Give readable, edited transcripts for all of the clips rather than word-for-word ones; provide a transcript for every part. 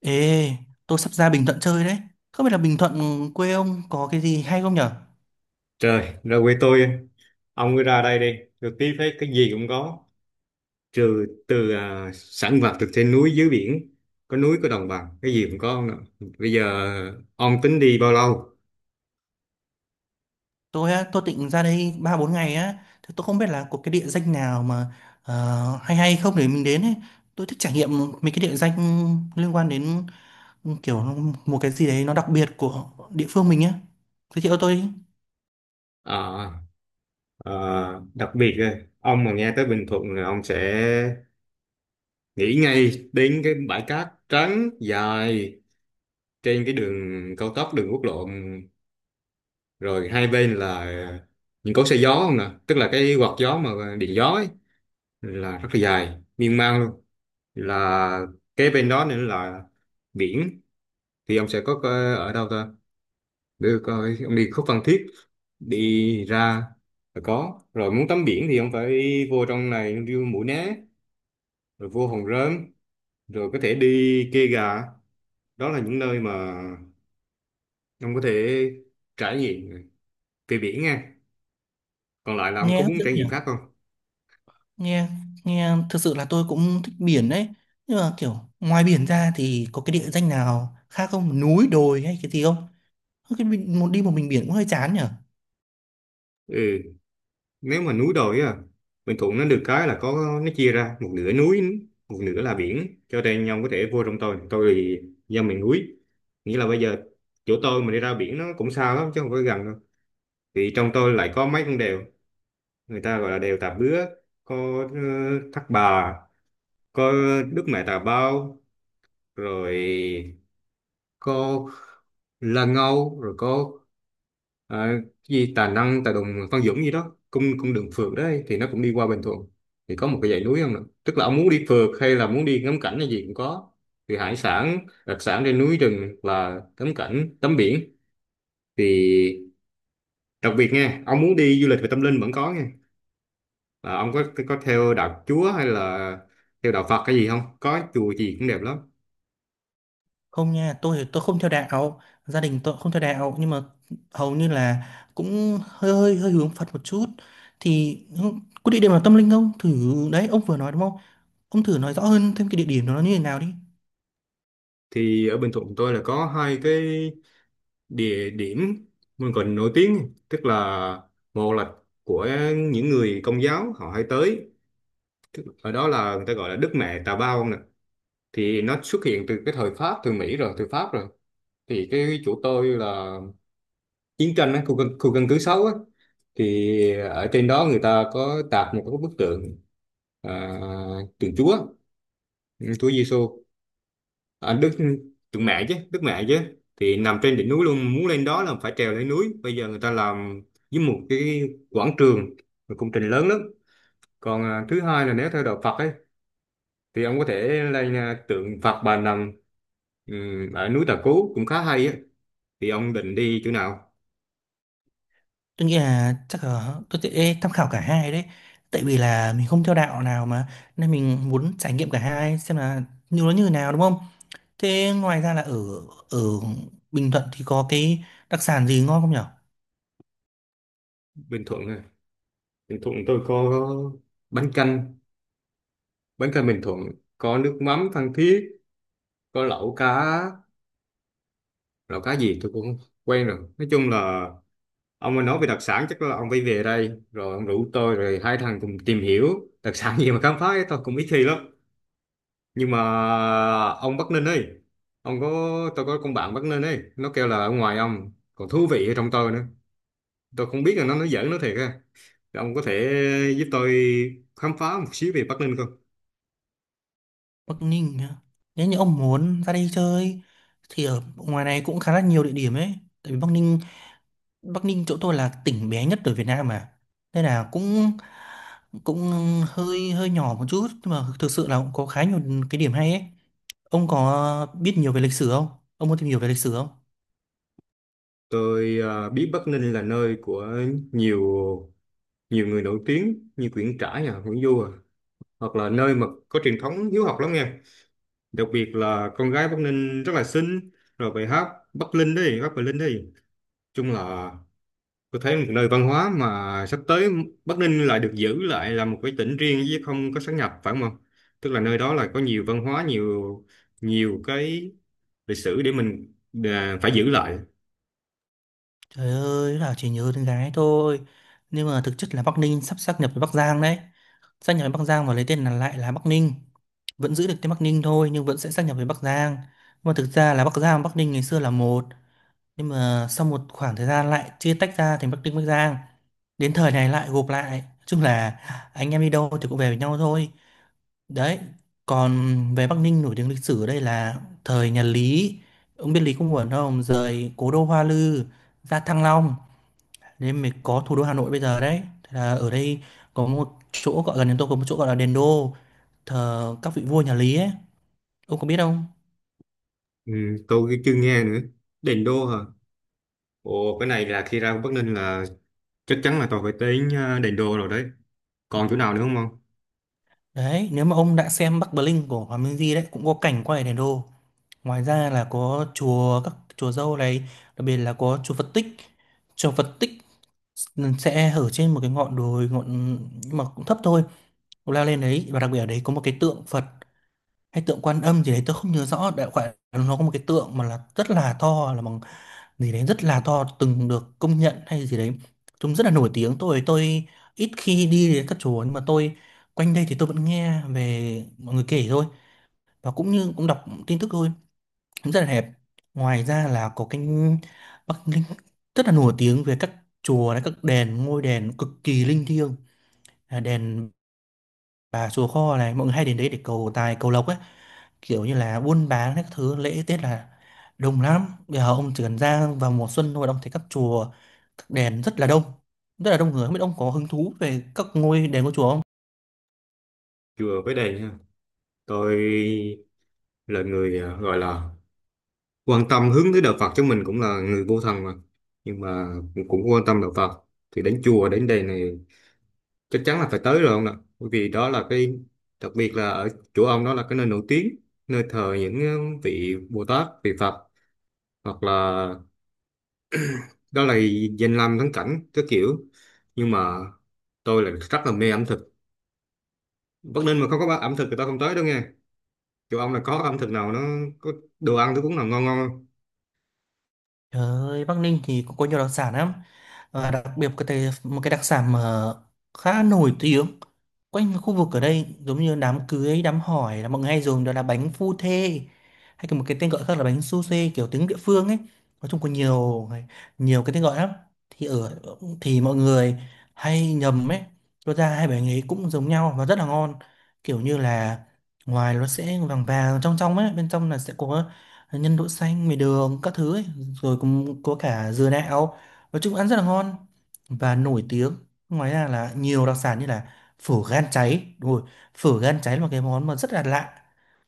Ê, tôi sắp ra Bình Thuận chơi đấy. Không biết là Bình Thuận quê ông có cái gì hay không nhở? Trời, ra quê tôi, ông cứ ra đây đi, được tí phết cái gì cũng có, trừ sản vật từ trên núi dưới biển, có núi có đồng bằng, cái gì cũng có ông ạ. Bây giờ ông tính đi bao lâu? Tôi á, tôi định ra đây 3 4 ngày á, thì tôi không biết là có cái địa danh nào mà hay hay không để mình đến ấy. Tôi thích trải nghiệm mấy cái địa danh liên quan đến kiểu một cái gì đấy nó đặc biệt của địa phương mình á. Giới thiệu tôi đi. À, à, đặc biệt á, ông mà nghe tới Bình Thuận là ông sẽ nghĩ ngay đến cái bãi cát trắng dài trên cái đường cao tốc, đường quốc lộ, rồi hai bên là những cối xay gió không nè, tức là cái quạt gió mà điện gió ấy, là rất là dài, miên man luôn, là kế bên đó nữa là biển. Thì ông sẽ có ở đâu ta để coi, ông đi khúc Phan Thiết đi ra là có rồi. Muốn tắm biển thì ông phải vô trong này đi Mũi Né rồi vô Hòn Rơm rồi có thể đi Kê Gà. Đó là những nơi mà ông có thể trải nghiệm về biển nha. Còn lại là ông Nghe có hấp muốn dẫn trải nghiệm nhở? khác không? Nghe nghe thực sự là tôi cũng thích biển đấy. Nhưng mà kiểu ngoài biển ra thì có cái địa danh nào khác không? Núi, đồi hay cái gì không? Ơ, cái mình một đi một mình biển cũng hơi chán nhở. Ừ, nếu mà núi đồi á, Bình Thuận nó được cái là có nó chia ra một nửa núi, một nửa là biển, cho nên nhau có thể vô trong. Tôi thì dân miền núi, nghĩa là bây giờ chỗ tôi mà đi ra biển nó cũng xa lắm chứ không phải gần đâu. Thì trong tôi lại có mấy con đèo, người ta gọi là đèo Tà Bứa, có ờ, Thác Bà, có Đức Mẹ Tà Bao, rồi có Lan Âu, rồi có ờ, cái gì Tà Năng Tà Đùng Phan Dũng gì đó, cung cung đường phượt đấy thì nó cũng đi qua Bình Thuận. Thì có một cái dãy núi không nè, tức là ông muốn đi phượt hay là muốn đi ngắm cảnh hay gì cũng có. Thì hải sản đặc sản trên núi rừng, là tắm cảnh tắm biển. Thì đặc biệt nha, ông muốn đi du lịch về tâm linh vẫn có nha, là ông có theo đạo Chúa hay là theo đạo Phật, cái gì không, có chùa gì cũng đẹp lắm. Không nha, tôi không theo đạo, gia đình tôi không theo đạo, nhưng mà hầu như là cũng hơi hơi hơi hướng Phật một chút. Thì ừ, có địa điểm nào tâm linh không thử, đấy ông vừa nói đúng không, ông thử nói rõ hơn thêm cái địa điểm đó nó như thế nào đi. Thì ở Bình Thuận tôi là có hai cái địa điểm mình còn nổi tiếng, tức là một là của những người Công giáo họ hay tới. Ở đó là người ta gọi là Đức Mẹ Tà Bao nè, thì nó xuất hiện từ cái thời Pháp, từ Mỹ rồi từ Pháp rồi. Thì cái chỗ tôi là chiến tranh á, khu căn cứ 6 á. Thì ở trên đó người ta có tạc một cái bức tượng, à, tượng Chúa, Chúa Giêsu. À, Đức Tượng Mẹ chứ, Đức Mẹ chứ, thì nằm trên đỉnh núi luôn. Muốn lên đó là phải trèo lên núi, bây giờ người ta làm với một cái quảng trường, một công trình lớn lắm. Còn thứ hai là nếu theo đạo Phật ấy thì ông có thể lên tượng Phật Bà Nằm, ở núi Tà Cú cũng khá hay á. Thì ông định đi chỗ nào? Tôi nghĩ là chắc là tôi sẽ tham khảo cả hai đấy, tại vì là mình không theo đạo nào mà, nên mình muốn trải nghiệm cả hai xem là như nó như thế nào đúng không. Thế ngoài ra là ở ở Bình Thuận thì có cái đặc sản gì ngon không nhỉ? Bình Thuận à? Bình Thuận tôi có bánh canh bánh canh Bình Thuận, có nước mắm Phan Thiết, có lẩu cá gì tôi cũng không quen, rồi nói chung là ông mà nói về đặc sản chắc là ông phải về đây rồi ông rủ tôi rồi hai thằng cùng tìm hiểu đặc sản gì mà khám phá ấy, tôi cũng ít khi lắm. Nhưng mà ông Bắc Ninh ấy, ông có tôi có con bạn Bắc Ninh ấy, nó kêu là ở ngoài ông còn thú vị ở trong tôi nữa, tôi không biết là nó nói giỡn nó thiệt ha. Ông có thể giúp tôi khám phá một xíu về Bắc Ninh không? Bắc Ninh á. Nếu như ông muốn ra đây chơi thì ở ngoài này cũng khá là nhiều địa điểm ấy. Tại vì Bắc Ninh, Bắc Ninh chỗ tôi là tỉnh bé nhất ở Việt Nam mà. Nên là cũng cũng hơi hơi nhỏ một chút nhưng mà thực sự là cũng có khá nhiều cái điểm hay ấy. Ông có biết nhiều về lịch sử không? Ông muốn tìm hiểu về lịch sử không? Tôi biết Bắc Ninh là nơi của nhiều nhiều người nổi tiếng như Nguyễn Trãi à, Nguyễn Du à, hoặc là nơi mà có truyền thống hiếu học lắm nha. Đặc biệt là con gái Bắc Ninh rất là xinh, rồi bài hát Bắc Linh đi, Bắc Bình Linh đi, chung là tôi thấy một nơi văn hóa. Mà sắp tới Bắc Ninh lại được giữ lại là một cái tỉnh riêng chứ không có sát nhập, phải không? Tức là nơi đó là có nhiều văn hóa, nhiều nhiều cái lịch sử để mình phải giữ lại. Trời ơi, là chỉ nhớ con gái thôi. Nhưng mà thực chất là Bắc Ninh sắp sáp nhập với Bắc Giang đấy. Sáp nhập với Bắc Giang và lấy tên là lại là Bắc Ninh. Vẫn giữ được tên Bắc Ninh thôi nhưng vẫn sẽ sáp nhập với Bắc Giang, nhưng mà thực ra là Bắc Giang và Bắc Ninh ngày xưa là một, nhưng mà sau một khoảng thời gian lại chia tách ra thành Bắc Ninh, Bắc Giang, đến thời này lại gộp lại. Nói chung là anh em đi đâu thì cũng về với nhau thôi, đấy. Còn về Bắc Ninh nổi tiếng lịch sử ở đây là thời nhà Lý, ông biết Lý Công Uẩn không, rời cố đô Hoa Lư ra Thăng Long, nên mới có thủ đô Hà Nội bây giờ đấy. Thế là ở đây có một chỗ gọi gần đến tôi, có một chỗ gọi là đền Đô, thờ các vị vua nhà Lý ấy, ông có biết không? Ừ, tôi chưa nghe nữa, đền đô hả? Ồ, cái này là khi ra Bắc Ninh là chắc chắn là tôi phải đến đền đô rồi đấy. Còn chỗ nào nữa không? Đấy, nếu mà ông đã xem Bắc Bling của Hoàng Minh Di đấy cũng có cảnh quay ở đèn đô. Ngoài ra là có chùa, các chùa Dâu này, đặc biệt là có chùa Phật Tích. Chùa Phật Tích sẽ ở trên một cái ngọn đồi ngọn nhưng mà cũng thấp thôi. Ông leo lên đấy, và đặc biệt ở đấy có một cái tượng Phật hay tượng Quan Âm gì đấy tôi không nhớ rõ, đại loại là nó có một cái tượng mà là rất là to, là bằng gì đấy, rất là to, từng được công nhận hay gì đấy, chúng rất là nổi tiếng. Tôi ít khi đi đến các chùa, nhưng mà tôi quanh đây thì tôi vẫn nghe về mọi người kể thôi, và cũng như cũng đọc tin tức thôi, cũng rất là đẹp. Ngoài ra là có cái Bắc Ninh rất là nổi tiếng về các chùa này, các đền, ngôi đền cực kỳ linh thiêng. À, đèn và chùa Kho này mọi người hay đến đấy để cầu tài cầu lộc ấy, kiểu như là buôn bán các thứ, lễ Tết là đông lắm. Bây giờ ông chỉ cần ra vào mùa xuân thôi là ông thấy các chùa, các đền rất là đông, rất là đông người. Không biết ông có hứng thú về các ngôi đền, của chùa không? Chùa với đền ha, tôi là người gọi là quan tâm hướng tới đạo Phật, chứ mình cũng là người vô thần mà, nhưng mà cũng cũng quan tâm đạo Phật. Thì đến chùa đến đền này chắc chắn là phải tới rồi ông ạ, bởi vì đó là cái đặc biệt. Là ở chỗ ông đó là cái nơi nổi tiếng, nơi thờ những vị Bồ Tát, vị Phật, hoặc là đó là danh lam thắng cảnh cái kiểu. Nhưng mà tôi là rất là mê ẩm thực, Bắc Ninh mà không có ẩm thực thì tao không tới đâu nghe. Chỗ ông là có ẩm thực nào nó có đồ ăn thức uống nào ngon ngon không? Trời ơi, Bắc Ninh thì có nhiều đặc sản lắm, và đặc biệt có thể một cái đặc sản mà khá nổi tiếng quanh khu vực ở đây, giống như đám cưới đám hỏi là mọi người hay dùng, đó là bánh phu thê, hay còn một cái tên gọi khác là bánh su xê, kiểu tiếng địa phương ấy. Nói chung có nhiều, nhiều cái tên gọi lắm. Thì ở thì mọi người hay nhầm ấy, cho ra hai bánh ấy cũng giống nhau và rất là ngon. Kiểu như là ngoài nó sẽ vàng vàng, trong trong ấy, bên trong là sẽ có nhân đậu xanh, mì đường các thứ ấy, rồi cũng có cả dừa đạo. Nói chung ăn rất là ngon và nổi tiếng. Ngoài ra là nhiều đặc sản như là phở gan cháy, đúng rồi, phở gan cháy là một cái món mà rất là lạ.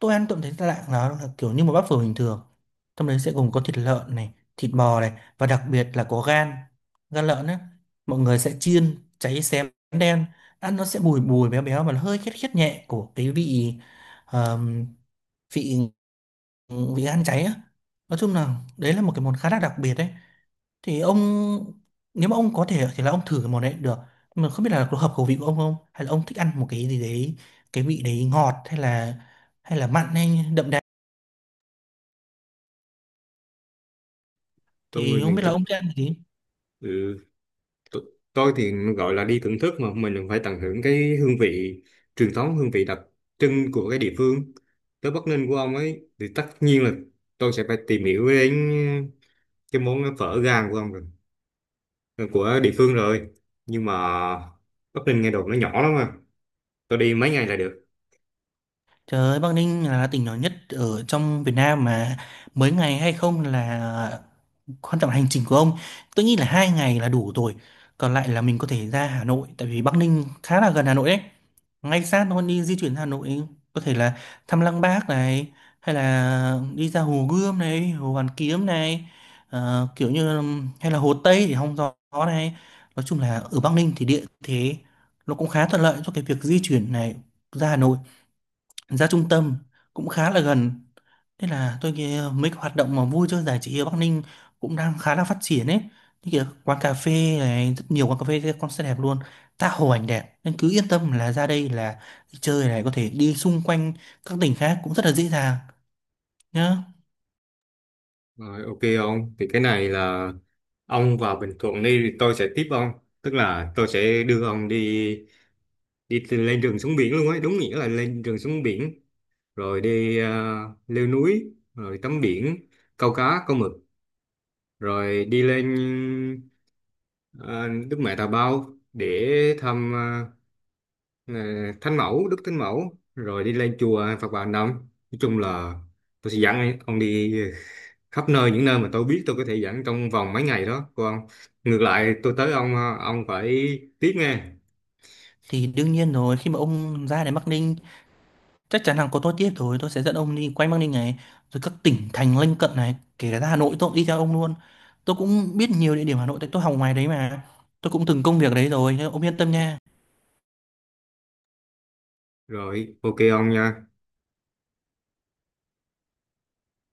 Tôi ăn tôi cũng thấy lạ, nó là kiểu như một bát phở bình thường, trong đấy sẽ gồm có thịt lợn này, thịt bò này, và đặc biệt là có gan, gan lợn ấy. Mọi người sẽ chiên cháy xém đen, ăn nó sẽ bùi bùi béo béo và nó hơi khét khét nhẹ của cái vị ờm, vị vị gan cháy á. Nói chung là đấy là một cái món khá là đặc biệt đấy. Thì ông, nếu mà ông có thể thì là ông thử cái món đấy cũng được. Nhưng mà không biết là có hợp khẩu vị của ông không, hay là ông thích ăn một cái gì đấy, cái vị đấy ngọt hay là, hay là mặn hay đậm đà, Tôi thì người không biết miền là Trung. ông thích ăn cái gì. ừ, T- tôi thì gọi là đi thưởng thức mà mình phải tận hưởng cái hương vị truyền thống, hương vị đặc trưng của cái địa phương. Tới Bắc Ninh của ông ấy thì tất nhiên là tôi sẽ phải tìm hiểu đến cái món phở gang của ông rồi, ờ, của địa phương rồi. Nhưng mà Bắc Ninh nghe đồn nó nhỏ lắm mà, tôi đi mấy ngày là được. Trời ơi, Bắc Ninh là tỉnh nhỏ nhất ở trong Việt Nam mà, mới ngày hay không là quan trọng, là hành trình của ông. Tôi nghĩ là 2 ngày là đủ rồi, còn lại là mình có thể ra Hà Nội, tại vì Bắc Ninh khá là gần Hà Nội đấy, ngay sát thôi. Đi di chuyển Hà Nội có thể là thăm Lăng Bác này, hay là đi ra Hồ Gươm này, Hồ Hoàn Kiếm này, kiểu như là, hay là Hồ Tây để hóng gió này. Nói chung là ở Bắc Ninh thì địa thế nó cũng khá thuận lợi cho cái việc di chuyển này, ra Hà Nội, ra trung tâm cũng khá là gần. Thế là tôi nghĩ mấy cái hoạt động mà vui chơi giải trí ở Bắc Ninh cũng đang khá là phát triển ấy. Như kiểu quán cà phê này, rất nhiều quán cà phê concert đẹp luôn, tha hồ ảnh đẹp. Nên cứ yên tâm là ra đây là đi chơi này, có thể đi xung quanh các tỉnh khác cũng rất là dễ dàng nhá. Rồi, ok ông, thì cái này là ông vào Bình Thuận đi thì tôi sẽ tiếp ông, tức là tôi sẽ đưa ông đi, đi từ lên đường xuống biển luôn ấy, đúng nghĩa là lên đường xuống biển. Rồi đi leo núi rồi tắm biển, câu cá câu mực, rồi đi lên ờ, Đức Mẹ Tà Bao để thăm ờ, Thánh Mẫu, Đức Thánh Mẫu, rồi đi lên chùa Phật Bà Nằm. Nói chung là tôi sẽ dẫn ông đi khắp nơi, những nơi mà tôi biết tôi có thể dẫn trong vòng mấy ngày đó. Còn ngược lại tôi tới ông ông phải tiếp nghe. Thì đương nhiên rồi, khi mà ông ra đến Bắc Ninh, chắc chắn là có tôi tiếp rồi, tôi sẽ dẫn ông đi quanh Bắc Ninh này, rồi các tỉnh thành lân cận này, kể cả ra Hà Nội tôi cũng đi theo ông luôn. Tôi cũng biết nhiều địa điểm Hà Nội tại tôi học ngoài đấy mà. Tôi cũng từng công việc ở đấy rồi, nên ông yên tâm nha. Rồi, ok ông nha.